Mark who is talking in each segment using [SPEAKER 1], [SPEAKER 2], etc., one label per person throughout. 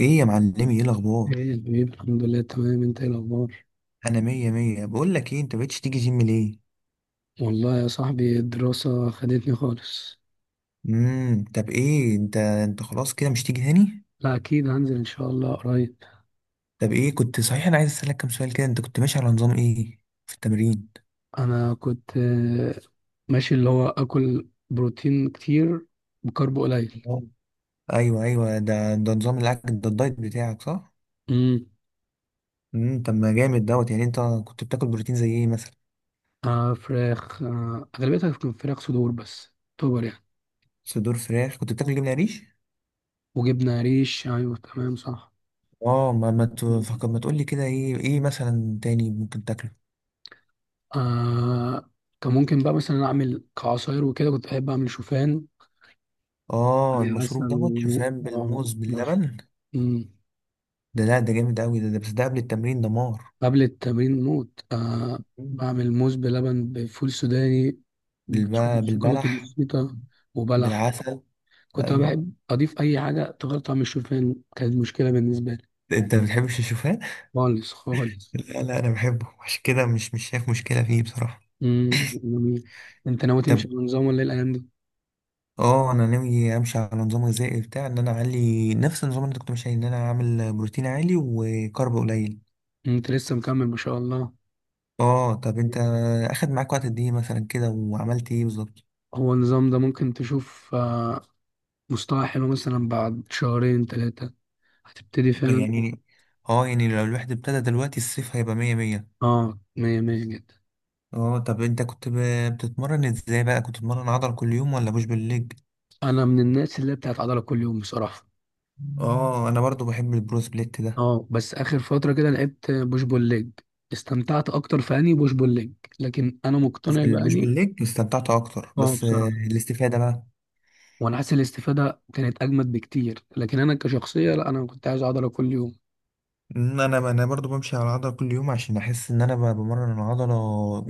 [SPEAKER 1] ايه يا معلمي، ايه الاخبار؟
[SPEAKER 2] ايه البيب، الحمد لله تمام. انت ايه الاخبار؟
[SPEAKER 1] انا مية مية. بقول لك ايه، انت مبقتش تيجي جيم ليه؟
[SPEAKER 2] والله يا صاحبي، الدراسة خدتني خالص.
[SPEAKER 1] طب ايه انت خلاص كده مش تيجي تاني؟
[SPEAKER 2] لا، اكيد هنزل ان شاء الله قريب.
[SPEAKER 1] طب ايه، كنت صحيح انا عايز اسالك كام سؤال كده. انت كنت ماشي على نظام ايه في التمرين؟
[SPEAKER 2] انا كنت ماشي، اللي هو اكل بروتين كتير، بكرب قليل.
[SPEAKER 1] تمام. ايوه ايوه، ده نظام الاكل ده، الدايت بتاعك، صح؟
[SPEAKER 2] امم.
[SPEAKER 1] طب ما جامد دوت. يعني انت كنت بتاكل بروتين زي ايه مثلا؟
[SPEAKER 2] فراخ، اغلبيتها كانت فراخ صدور بس، توبر يعني.
[SPEAKER 1] صدور فراخ. كنت بتاكل جبنه قريش؟
[SPEAKER 2] وجبنة ريش، ايوه تمام صح.
[SPEAKER 1] اه، ما تفكر، ما تقول لي كده ايه مثلا تاني ممكن تاكله؟
[SPEAKER 2] آه كان ممكن بقى مثلا اعمل كعصاير، وكده كنت بحب اعمل شوفان،
[SPEAKER 1] اه، المشروب
[SPEAKER 2] عسل
[SPEAKER 1] دوت
[SPEAKER 2] و
[SPEAKER 1] شوفان
[SPEAKER 2] آه،
[SPEAKER 1] بالموز
[SPEAKER 2] مش-
[SPEAKER 1] باللبن.
[SPEAKER 2] مم.
[SPEAKER 1] ده لا، ده جامد قوي ده، ده بس ده قبل التمرين دمار.
[SPEAKER 2] قبل التمرين موت، آه.
[SPEAKER 1] مم.
[SPEAKER 2] بعمل موز بلبن بفول سوداني، بشوية
[SPEAKER 1] بالب...
[SPEAKER 2] شوكولاتة
[SPEAKER 1] بالبلح،
[SPEAKER 2] بسيطة، وبلح.
[SPEAKER 1] بالعسل.
[SPEAKER 2] كنت أنا
[SPEAKER 1] ايوه،
[SPEAKER 2] بحب أضيف أي حاجة تغير طعم الشوفان كانت مشكلة بالنسبة لي.
[SPEAKER 1] انت ما بتحبش الشوفان؟
[SPEAKER 2] خالص خالص.
[SPEAKER 1] لا لا، انا بحبه، عشان كده مش شايف مشكله فيه بصراحه.
[SPEAKER 2] امم، جميل. أنت ناوي تمشي
[SPEAKER 1] طب
[SPEAKER 2] بنظام ولا إيه الأيام دي؟
[SPEAKER 1] اه، انا ناوي امشي على نظام غذائي بتاع ان انا اعلي نفس النظام اللي انت كنت ماشي عليه، ان انا اعمل بروتين عالي وكارب قليل.
[SPEAKER 2] أنت لسه مكمل، ما شاء الله.
[SPEAKER 1] اه طب انت اخد معاك وقت قد ايه مثلا كده، وعملت ايه بالظبط؟
[SPEAKER 2] هو النظام ده ممكن تشوف مستوى حلو مثلا بعد شهرين 3، هتبتدي فعلا.
[SPEAKER 1] يعني اه، يعني لو الواحد ابتدى دلوقتي الصيف هيبقى مية مية.
[SPEAKER 2] اه، مية مية جدا.
[SPEAKER 1] اه طب انت كنت بتتمرن ازاي بقى؟ كنت بتتمرن عضل كل يوم ولا بوش بالليج؟
[SPEAKER 2] أنا من الناس اللي بتاعت عضلة كل يوم بصراحة.
[SPEAKER 1] اه، انا برضو بحب البرو سبليت ده.
[SPEAKER 2] اه، بس اخر فتره كده لعبت بوش بول ليج، استمتعت اكتر في اني بوش بول ليج. لكن انا مقتنع
[SPEAKER 1] في البوش
[SPEAKER 2] باني.
[SPEAKER 1] بالليج استمتعت اكتر،
[SPEAKER 2] اه،
[SPEAKER 1] بس
[SPEAKER 2] بصراحه،
[SPEAKER 1] الاستفادة بقى؟
[SPEAKER 2] وانا حاسس الاستفاده كانت اجمد بكتير، لكن انا كشخصيه، لا، انا كنت عايز اقعد كل يوم.
[SPEAKER 1] ان انا برضو بمشي على العضله كل يوم عشان احس ان انا بمرن العضله،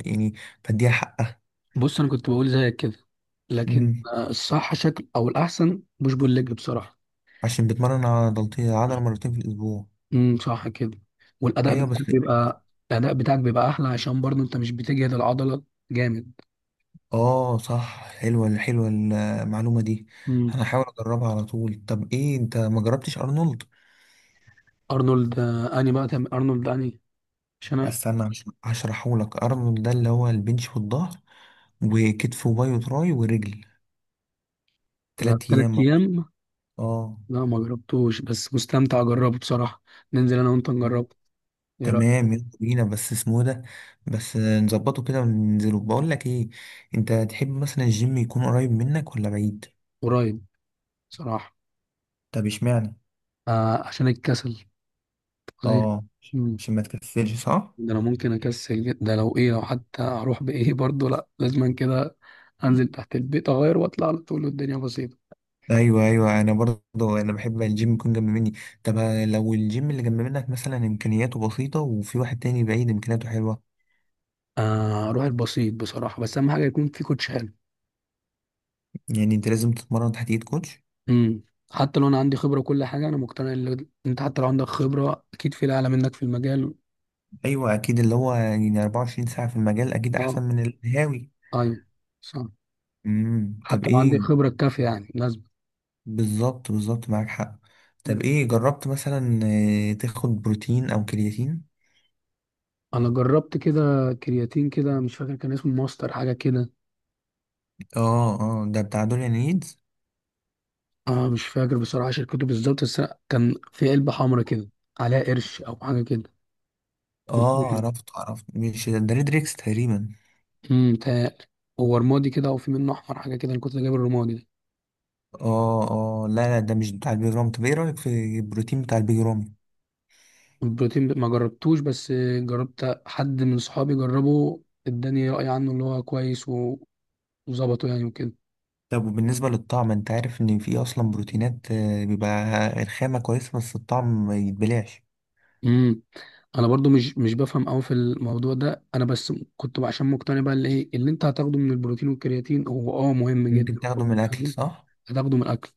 [SPEAKER 1] يعني بديها حقها.
[SPEAKER 2] بص، انا كنت بقول زيك كده، لكن
[SPEAKER 1] امم
[SPEAKER 2] الصح شكل او الاحسن بوش بول ليج بصراحه.
[SPEAKER 1] عشان بتمرن عضلتين، العضله مرتين في الاسبوع.
[SPEAKER 2] امم، صح كده. والاداء
[SPEAKER 1] ايوه بس.
[SPEAKER 2] بتاعك بيبقى. الاداء بتاعك بيبقى احلى، عشان برضه انت مش بتجهد العضله، جامد.
[SPEAKER 1] اه صح، حلوه حلوه المعلومه دي.
[SPEAKER 2] امم.
[SPEAKER 1] انا هحاول اجربها على طول. طب ايه، انت ما جربتش ارنولد؟
[SPEAKER 2] ارنولد، اني بقى تم ارنولد اني، عشان انا.
[SPEAKER 1] استنى، هشرحه لك. ارنولد ده اللي هو البنش والظهر، وكتف وباي وتراي ورجل،
[SPEAKER 2] ده
[SPEAKER 1] تلات
[SPEAKER 2] ثلاث
[SPEAKER 1] ايام برضه.
[SPEAKER 2] ايام
[SPEAKER 1] اه،
[SPEAKER 2] لا، ما جربتوش، بس مستمتع اجربه بصراحه. ننزل انا وانت نجربه، ايه رايك؟
[SPEAKER 1] تمام يلا بينا. بس اسمه إيه ده؟ بس نظبطه كده وننزله. بقول لك ايه، انت تحب مثلا الجيم يكون قريب منك ولا بعيد؟
[SPEAKER 2] قريب، بصراحه.
[SPEAKER 1] طب اشمعنى؟
[SPEAKER 2] عشان الكسل، غير.
[SPEAKER 1] اه،
[SPEAKER 2] مم.
[SPEAKER 1] عشان ما تكسلش صح؟
[SPEAKER 2] ده انا ممكن ده لو ايه، لو حتى هروح بايه برضه، لا، لازما كده. انزل تحت البيت اغير واطلع على طول، والدنيا بسيطه.
[SPEAKER 1] ايوه ايوه، انا برضه انا بحب الجيم يكون جنب مني. طب لو الجيم اللي جنب منك مثلا امكانياته بسيطه، وفي واحد تاني بعيد امكانياته حلوه؟
[SPEAKER 2] اروح البسيط بصراحه، بس اهم حاجه يكون في كوتش حلو.
[SPEAKER 1] يعني انت لازم تتمرن تحت ايد كوتش؟
[SPEAKER 2] امم. حتى لو انا عندي خبره وكل حاجه، انا مقتنع ان انت حتى لو عندك خبره، اكيد في اعلى منك في المجال.
[SPEAKER 1] ايوه اكيد، اللي هو يعني 24 ساعه في المجال اكيد احسن
[SPEAKER 2] اه،
[SPEAKER 1] من الهاوي.
[SPEAKER 2] ايوه، صح.
[SPEAKER 1] طب
[SPEAKER 2] حتى لو عندي
[SPEAKER 1] ايه،
[SPEAKER 2] خبره كافيه يعني لازم.
[SPEAKER 1] بالظبط بالظبط معاك حق. طب ايه، جربت مثلا تاخد بروتين او كرياتين؟
[SPEAKER 2] انا جربت كده كرياتين كده، مش فاكر كان اسمه ماستر حاجه كده.
[SPEAKER 1] اه اه، ده بتاع دوليان نيدز.
[SPEAKER 2] اه، مش فاكر بصراحه شركته بالظبط، بس أنا كان في علبه حمرا كده، عليها قرش او حاجه كده.
[SPEAKER 1] اه،
[SPEAKER 2] مم.
[SPEAKER 1] عرفت عرفت، مش ده ريدريكس تقريبا؟
[SPEAKER 2] امم، متهيألي هو رمادي كده، او في منه احمر حاجه كده. انا كنت جايب الرمادي ده.
[SPEAKER 1] اه اه، لا لا، ده مش بتاع البيج رامي. طب ايه رايك في البروتين بتاع البيج رامي؟
[SPEAKER 2] البروتين ما جربتوش، بس جربت حد من صحابي جربه، اداني راي عنه اللي هو كويس وظبطه يعني وكده.
[SPEAKER 1] طب وبالنسبه للطعم، انت عارف ان في اصلا بروتينات بيبقى الخامه كويسه بس الطعم ما يتبلعش؟
[SPEAKER 2] امم. انا برضو مش بفهم قوي في الموضوع ده، انا بس كنت عشان مقتنع بقى اللي ايه اللي انت هتاخده من البروتين والكرياتين، هو مهم
[SPEAKER 1] ممكن
[SPEAKER 2] جدا وكل
[SPEAKER 1] تاخده من الاكل
[SPEAKER 2] حاجة.
[SPEAKER 1] صح.
[SPEAKER 2] هتاخده من الاكل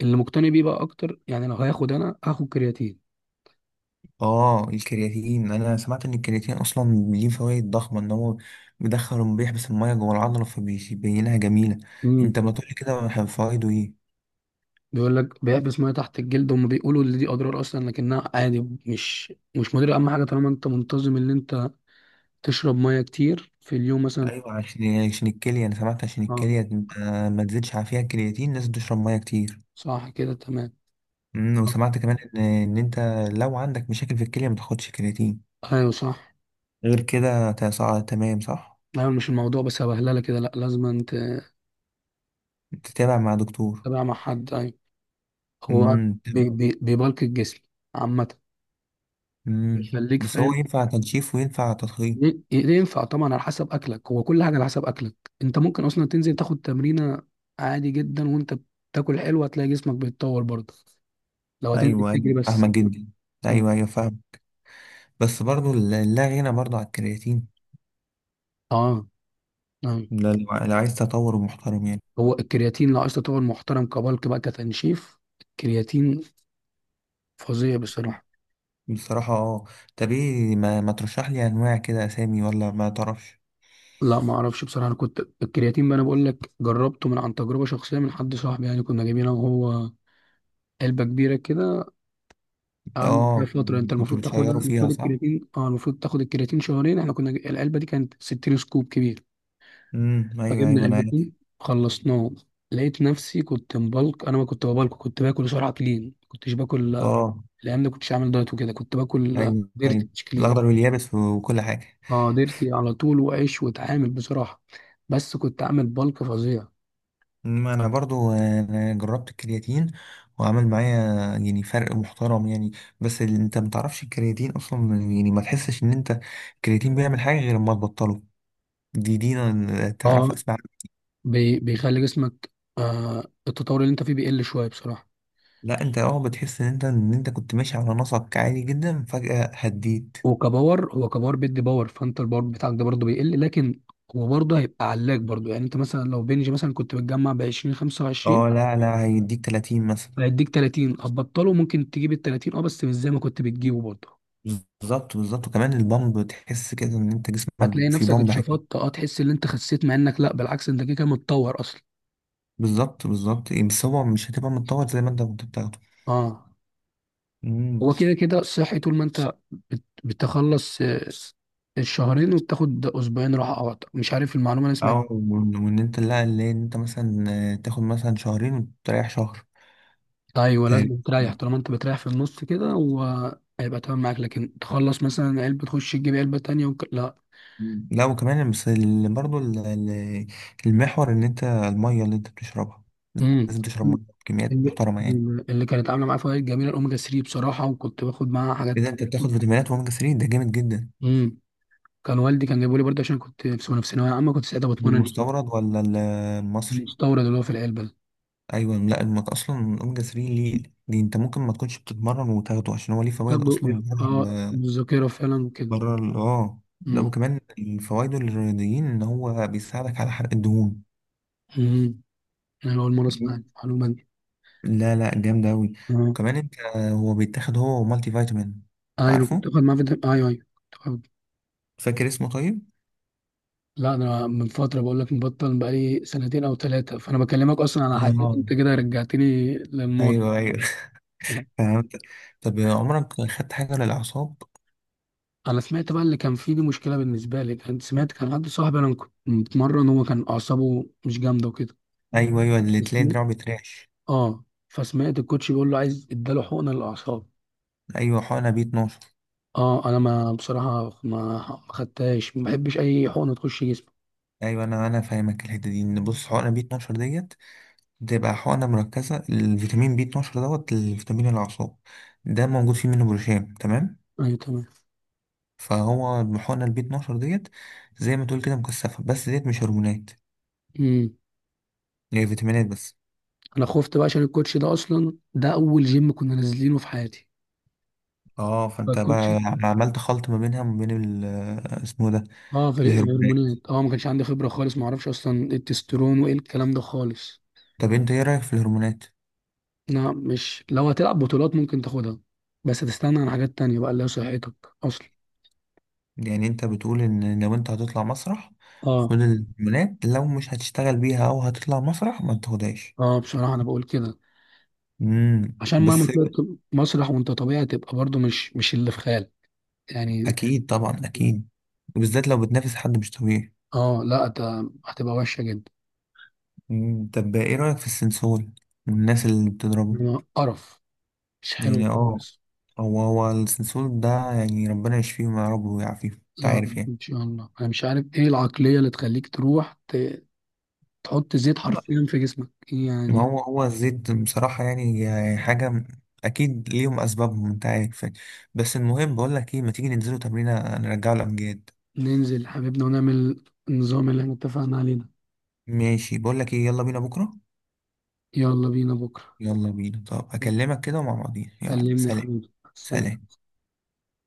[SPEAKER 2] اللي مقتنع بيه بقى اكتر. يعني لو هياخد انا هاخد كرياتين.
[SPEAKER 1] اه الكرياتين، انا سمعت ان الكرياتين اصلا ليه فوائد ضخمه، ان هو بيدخل وبيحبس الميه جوه العضله فبيبينها جميله.
[SPEAKER 2] امم.
[SPEAKER 1] انت ما تقولي كده، فوائده ايه؟
[SPEAKER 2] بيقول لك بيحبس ميه تحت الجلد. هم بيقولوا ان دي اضرار اصلا، لكنها عادي، مش مضره. اهم حاجه طالما انت منتظم ان انت تشرب ميه كتير في اليوم مثلا.
[SPEAKER 1] ايوه، عشان يعني، عشان الكليه، انا سمعت عشان
[SPEAKER 2] اه،
[SPEAKER 1] الكليه ما تزيدش على فيها الكرياتين لازم تشرب ميه كتير.
[SPEAKER 2] صح كده، تمام. آه.
[SPEAKER 1] وسمعت كمان ان انت لو عندك مشاكل في الكليه ما تاخدش كرياتين.
[SPEAKER 2] ايوه، صح.
[SPEAKER 1] غير كده تمام صح.
[SPEAKER 2] ايوه، مش الموضوع بس هبهلله كده. لا، لازم انت
[SPEAKER 1] تتابع مع دكتور.
[SPEAKER 2] تابع مع حد، أيوة. هو
[SPEAKER 1] امم.
[SPEAKER 2] بي بي بيبلك الجسم عامة،
[SPEAKER 1] امم،
[SPEAKER 2] بيخليك
[SPEAKER 1] بس هو
[SPEAKER 2] فاهم.
[SPEAKER 1] ينفع تنشيف وينفع تضخيم؟
[SPEAKER 2] ينفع طبعا على حسب أكلك. هو كل حاجة على حسب أكلك. أنت ممكن أصلا تنزل تاخد تمرينة عادي جدا، وأنت بتاكل حلو، هتلاقي جسمك بيتطور برضه. لو هتنزل
[SPEAKER 1] ايوه ايوه،
[SPEAKER 2] تجري بس.
[SPEAKER 1] فاهمك جدا.
[SPEAKER 2] م.
[SPEAKER 1] ايوه ايوه، فاهم. بس برضو لا غنى برضو على الكرياتين.
[SPEAKER 2] أه، أيوة.
[SPEAKER 1] لو عايز تطور محترم يعني.
[SPEAKER 2] هو الكرياتين لو عايز تطور محترم، كبلك بقى، كتنشيف الكرياتين فظيع بصراحة.
[SPEAKER 1] بصراحة اه. طب ايه، ما ترشح لي انواع كده اسامي، ولا ما تعرفش؟
[SPEAKER 2] لا، ما اعرفش بصراحه. انا كنت الكرياتين بقى، انا بقول لك جربته من عن تجربه شخصيه من حد صاحبي يعني، كنا جايبينه وهو علبه كبيره كده. قعدنا فيها
[SPEAKER 1] اه،
[SPEAKER 2] فترة. انت
[SPEAKER 1] كنت
[SPEAKER 2] المفروض تاخدها،
[SPEAKER 1] بتشيروا فيها
[SPEAKER 2] المفروض
[SPEAKER 1] صح.
[SPEAKER 2] الكرياتين المفروض تاخد الكرياتين شهرين. احنا كنا العلبة دي كانت 60 سكوب كبير،
[SPEAKER 1] ايوه
[SPEAKER 2] فجبنا
[SPEAKER 1] ايوه، انا عارف.
[SPEAKER 2] العلبتين، خلصناه. لقيت نفسي كنت مبلك. انا ما كنت ببلك، كنت باكل سرعة كلين، كنتش باكل.
[SPEAKER 1] اه
[SPEAKER 2] الايام دي كنتش عامل دايت وكده، كنت باكل
[SPEAKER 1] ايوه
[SPEAKER 2] ديرتي
[SPEAKER 1] ايوه،
[SPEAKER 2] مش كلين.
[SPEAKER 1] الاخضر واليابس وكل حاجة.
[SPEAKER 2] اه، ديرتي على طول وعيش واتعامل بصراحة، بس كنت عامل بلك فظيع.
[SPEAKER 1] ما انا برضو أنا جربت الكرياتين وعمل معايا يعني فرق محترم يعني. بس انت ما تعرفش الكرياتين اصلا، يعني ما تحسش ان انت، الكرياتين بيعمل حاجه غير لما تبطله. دي أنا
[SPEAKER 2] اه،
[SPEAKER 1] تعرف اسمع.
[SPEAKER 2] بيخلي جسمك، التطور اللي انت فيه بيقل شوية بصراحة.
[SPEAKER 1] لا انت، بتحس ان انت، ان انت كنت ماشي على نسق عالي جدا فجاه هديت.
[SPEAKER 2] وكباور، هو كباور بيدي باور، فانت الباور بتاعك ده برضه بيقل، لكن هو برضه هيبقى علاك برضه. يعني انت مثلا لو بنجي مثلا كنت بتجمع ب 20 25،
[SPEAKER 1] اه لا لا، هيديك 30 مثلا.
[SPEAKER 2] هيديك 30. هتبطله ممكن تجيب ال 30، اه، بس مش زي ما كنت بتجيبه برضه.
[SPEAKER 1] بالظبط بالظبط، وكمان البامب، تحس كده ان انت
[SPEAKER 2] هتلاقي
[SPEAKER 1] جسمك في
[SPEAKER 2] نفسك
[SPEAKER 1] بامب عالي.
[SPEAKER 2] اتشفطت، تحس ان انت خسيت، مع انك لا، بالعكس، انت كده كده متطور اصلا.
[SPEAKER 1] بالظبط بالظبط، بس هو مش هتبقى متطور زي ما انت كنت بتاخده.
[SPEAKER 2] اه. هو
[SPEAKER 1] مم.
[SPEAKER 2] كده كده صحي طول ما انت بتخلص الشهرين، وبتاخد اسبوعين راحه او أكتر. مش عارف المعلومه انا
[SPEAKER 1] او
[SPEAKER 2] سمعتها.
[SPEAKER 1] وان، وإن انت، لا، اللي إن انت مثلا تاخد مثلا شهرين وتريح شهر
[SPEAKER 2] ايوه،
[SPEAKER 1] تقريبا.
[SPEAKER 2] لازم تريح. طالما انت بتريح في النص كده، وهيبقى تمام معاك. لكن تخلص مثلا علبه تخش تجيب علبه تانية لا.
[SPEAKER 1] لا وكمان بس برضو المحور ان انت المية اللي انت بتشربها
[SPEAKER 2] امم.
[SPEAKER 1] لازم تشرب مية بكميات
[SPEAKER 2] اللي,
[SPEAKER 1] محترمة يعني.
[SPEAKER 2] اللي كانت عامله معايا فوائد جميله الاوميجا 3 بصراحه، وكنت باخد معاها حاجات
[SPEAKER 1] كده انت بتاخد
[SPEAKER 2] تانية.
[SPEAKER 1] فيتامينات واوميجا 3، ده جامد جدا.
[SPEAKER 2] امم. كان والدي كان جايبه لي برضه، عشان كنت في سنه في ثانويه عامه، كنت ساعتها بتمرن.
[SPEAKER 1] المستورد ولا المصري؟
[SPEAKER 2] المستورد اللي هو في العلبه ده.
[SPEAKER 1] ايوه، لا المك اصلا الاوميجا 3 ليه، دي انت ممكن ما تكونش بتتمرن وتاخده، عشان هو ليه فوائد
[SPEAKER 2] برضه
[SPEAKER 1] اصلا بره
[SPEAKER 2] الذاكره فعلا كده.
[SPEAKER 1] بره لا
[SPEAKER 2] امم.
[SPEAKER 1] وكمان، فوائده الرياضيين ان هو بيساعدك على حرق الدهون.
[SPEAKER 2] امم، انا اول مره اسمع المعلومه دي.
[SPEAKER 1] لا لا، جامدة أوي.
[SPEAKER 2] اه.
[SPEAKER 1] كمان أنت، هو بيتاخد، هو مالتي فيتامين.
[SPEAKER 2] ايوه، كنت
[SPEAKER 1] عارفه؟
[SPEAKER 2] باخد معاه فيتامين، ايوه ايوه، كنت باخد.
[SPEAKER 1] فاكر اسمه طيب؟
[SPEAKER 2] لا، انا من فتره بقول لك مبطل بقالي سنتين او 3، فانا بكلمك اصلا على حاجات
[SPEAKER 1] اه،
[SPEAKER 2] انت كده رجعتني للماضي.
[SPEAKER 1] أيوه أيوه.
[SPEAKER 2] يعني.
[SPEAKER 1] فهمت. طب عمرك خدت حاجة للأعصاب؟
[SPEAKER 2] انا سمعت بقى اللي كان فيه، دي مشكله بالنسبه لي. كنت سمعت كان حد صاحبي انا كنت متمرن، هو كان اعصابه مش جامده وكده،
[SPEAKER 1] أيوه أيوه، اللي
[SPEAKER 2] بس.
[SPEAKER 1] تلاقي دراعه بيترعش.
[SPEAKER 2] اه، فسمعت الكوتش بيقول له عايز اداله حقنه للاعصاب.
[SPEAKER 1] أيوه، حقنة بي 12.
[SPEAKER 2] اه، انا ما بصراحه ما خدتهاش، ما بحبش اي حقنه تخش جسمي.
[SPEAKER 1] أيوه، أنا فاهمك الحتة دي. إن بص، حقنة بي 12 ديت بتبقى حقنة مركزة. الفيتامين بي 12 دوت الفيتامين الأعصاب ده موجود فيه منه بروشام تمام؟
[SPEAKER 2] ايوه، تمام.
[SPEAKER 1] فهو الحقنة البي 12 ديت زي ما تقول كده مكثفة، بس ديت مش هرمونات،
[SPEAKER 2] امم.
[SPEAKER 1] هي فيتامينات بس.
[SPEAKER 2] انا خفت بقى عشان الكوتش ده اصلا، ده اول جيم كنا نازلينه في حياتي.
[SPEAKER 1] اه فانت بقى
[SPEAKER 2] فالكوتش
[SPEAKER 1] عملت خلط ما بينها وما بين اسمه ده،
[SPEAKER 2] اه في
[SPEAKER 1] الهرمونات.
[SPEAKER 2] الهرمونات، ما كانش عندي خبره خالص، ما اعرفش اصلا إيه التستيرون وايه الكلام ده خالص.
[SPEAKER 1] طب انت ايه رأيك في الهرمونات؟
[SPEAKER 2] لا، مش لو هتلعب بطولات ممكن تاخدها، بس هتستنى عن حاجات تانية بقى اللي هي صحتك اصلا.
[SPEAKER 1] يعني انت بتقول ان لو انت هتطلع مسرح
[SPEAKER 2] اه.
[SPEAKER 1] خد الهرمونات، لو مش هتشتغل بيها او هتطلع مسرح ما تاخدهاش؟
[SPEAKER 2] اه، بصراحه انا بقول كده، عشان مهما
[SPEAKER 1] بس،
[SPEAKER 2] طلعت مسرح وانت طبيعي، تبقى برضو مش اللي في خيال. يعني.
[SPEAKER 1] اكيد طبعا اكيد، وبالذات لو بتنافس حد مش طبيعي.
[SPEAKER 2] اه، لا، هتبقى وحشه جدا.
[SPEAKER 1] مم. طب ايه رأيك في السنسول والناس اللي بتضربه؟
[SPEAKER 2] إنما قرف. مش حلو
[SPEAKER 1] يعني اه،
[SPEAKER 2] خالص.
[SPEAKER 1] هو السنسول ده يعني ربنا يشفيهم يا رب ويعافيهم، انت
[SPEAKER 2] يا
[SPEAKER 1] عارف
[SPEAKER 2] رب
[SPEAKER 1] يعني.
[SPEAKER 2] ان شاء الله. انا مش عارف ايه العقليه اللي تخليك تروح تحط زيت حرفيا في جسمك
[SPEAKER 1] ما
[SPEAKER 2] يعني.
[SPEAKER 1] هو الزيت بصراحة يعني حاجة أكيد ليهم أسبابهم أنت عارف يعني. بس المهم، بقول لك إيه، ما تيجي ننزلوا تمرينة نرجعوا الأمجاد؟
[SPEAKER 2] ننزل حبيبنا، ونعمل النظام اللي احنا اتفقنا عليه ده.
[SPEAKER 1] ماشي، بقول لك إيه، يلا بينا بكرة.
[SPEAKER 2] يلا بينا بكرة.
[SPEAKER 1] يلا بينا. طب أكلمك كده ومع بعضين، يلا
[SPEAKER 2] كلمني يا
[SPEAKER 1] سلام.
[SPEAKER 2] حبيبي، سلام.
[SPEAKER 1] سلام.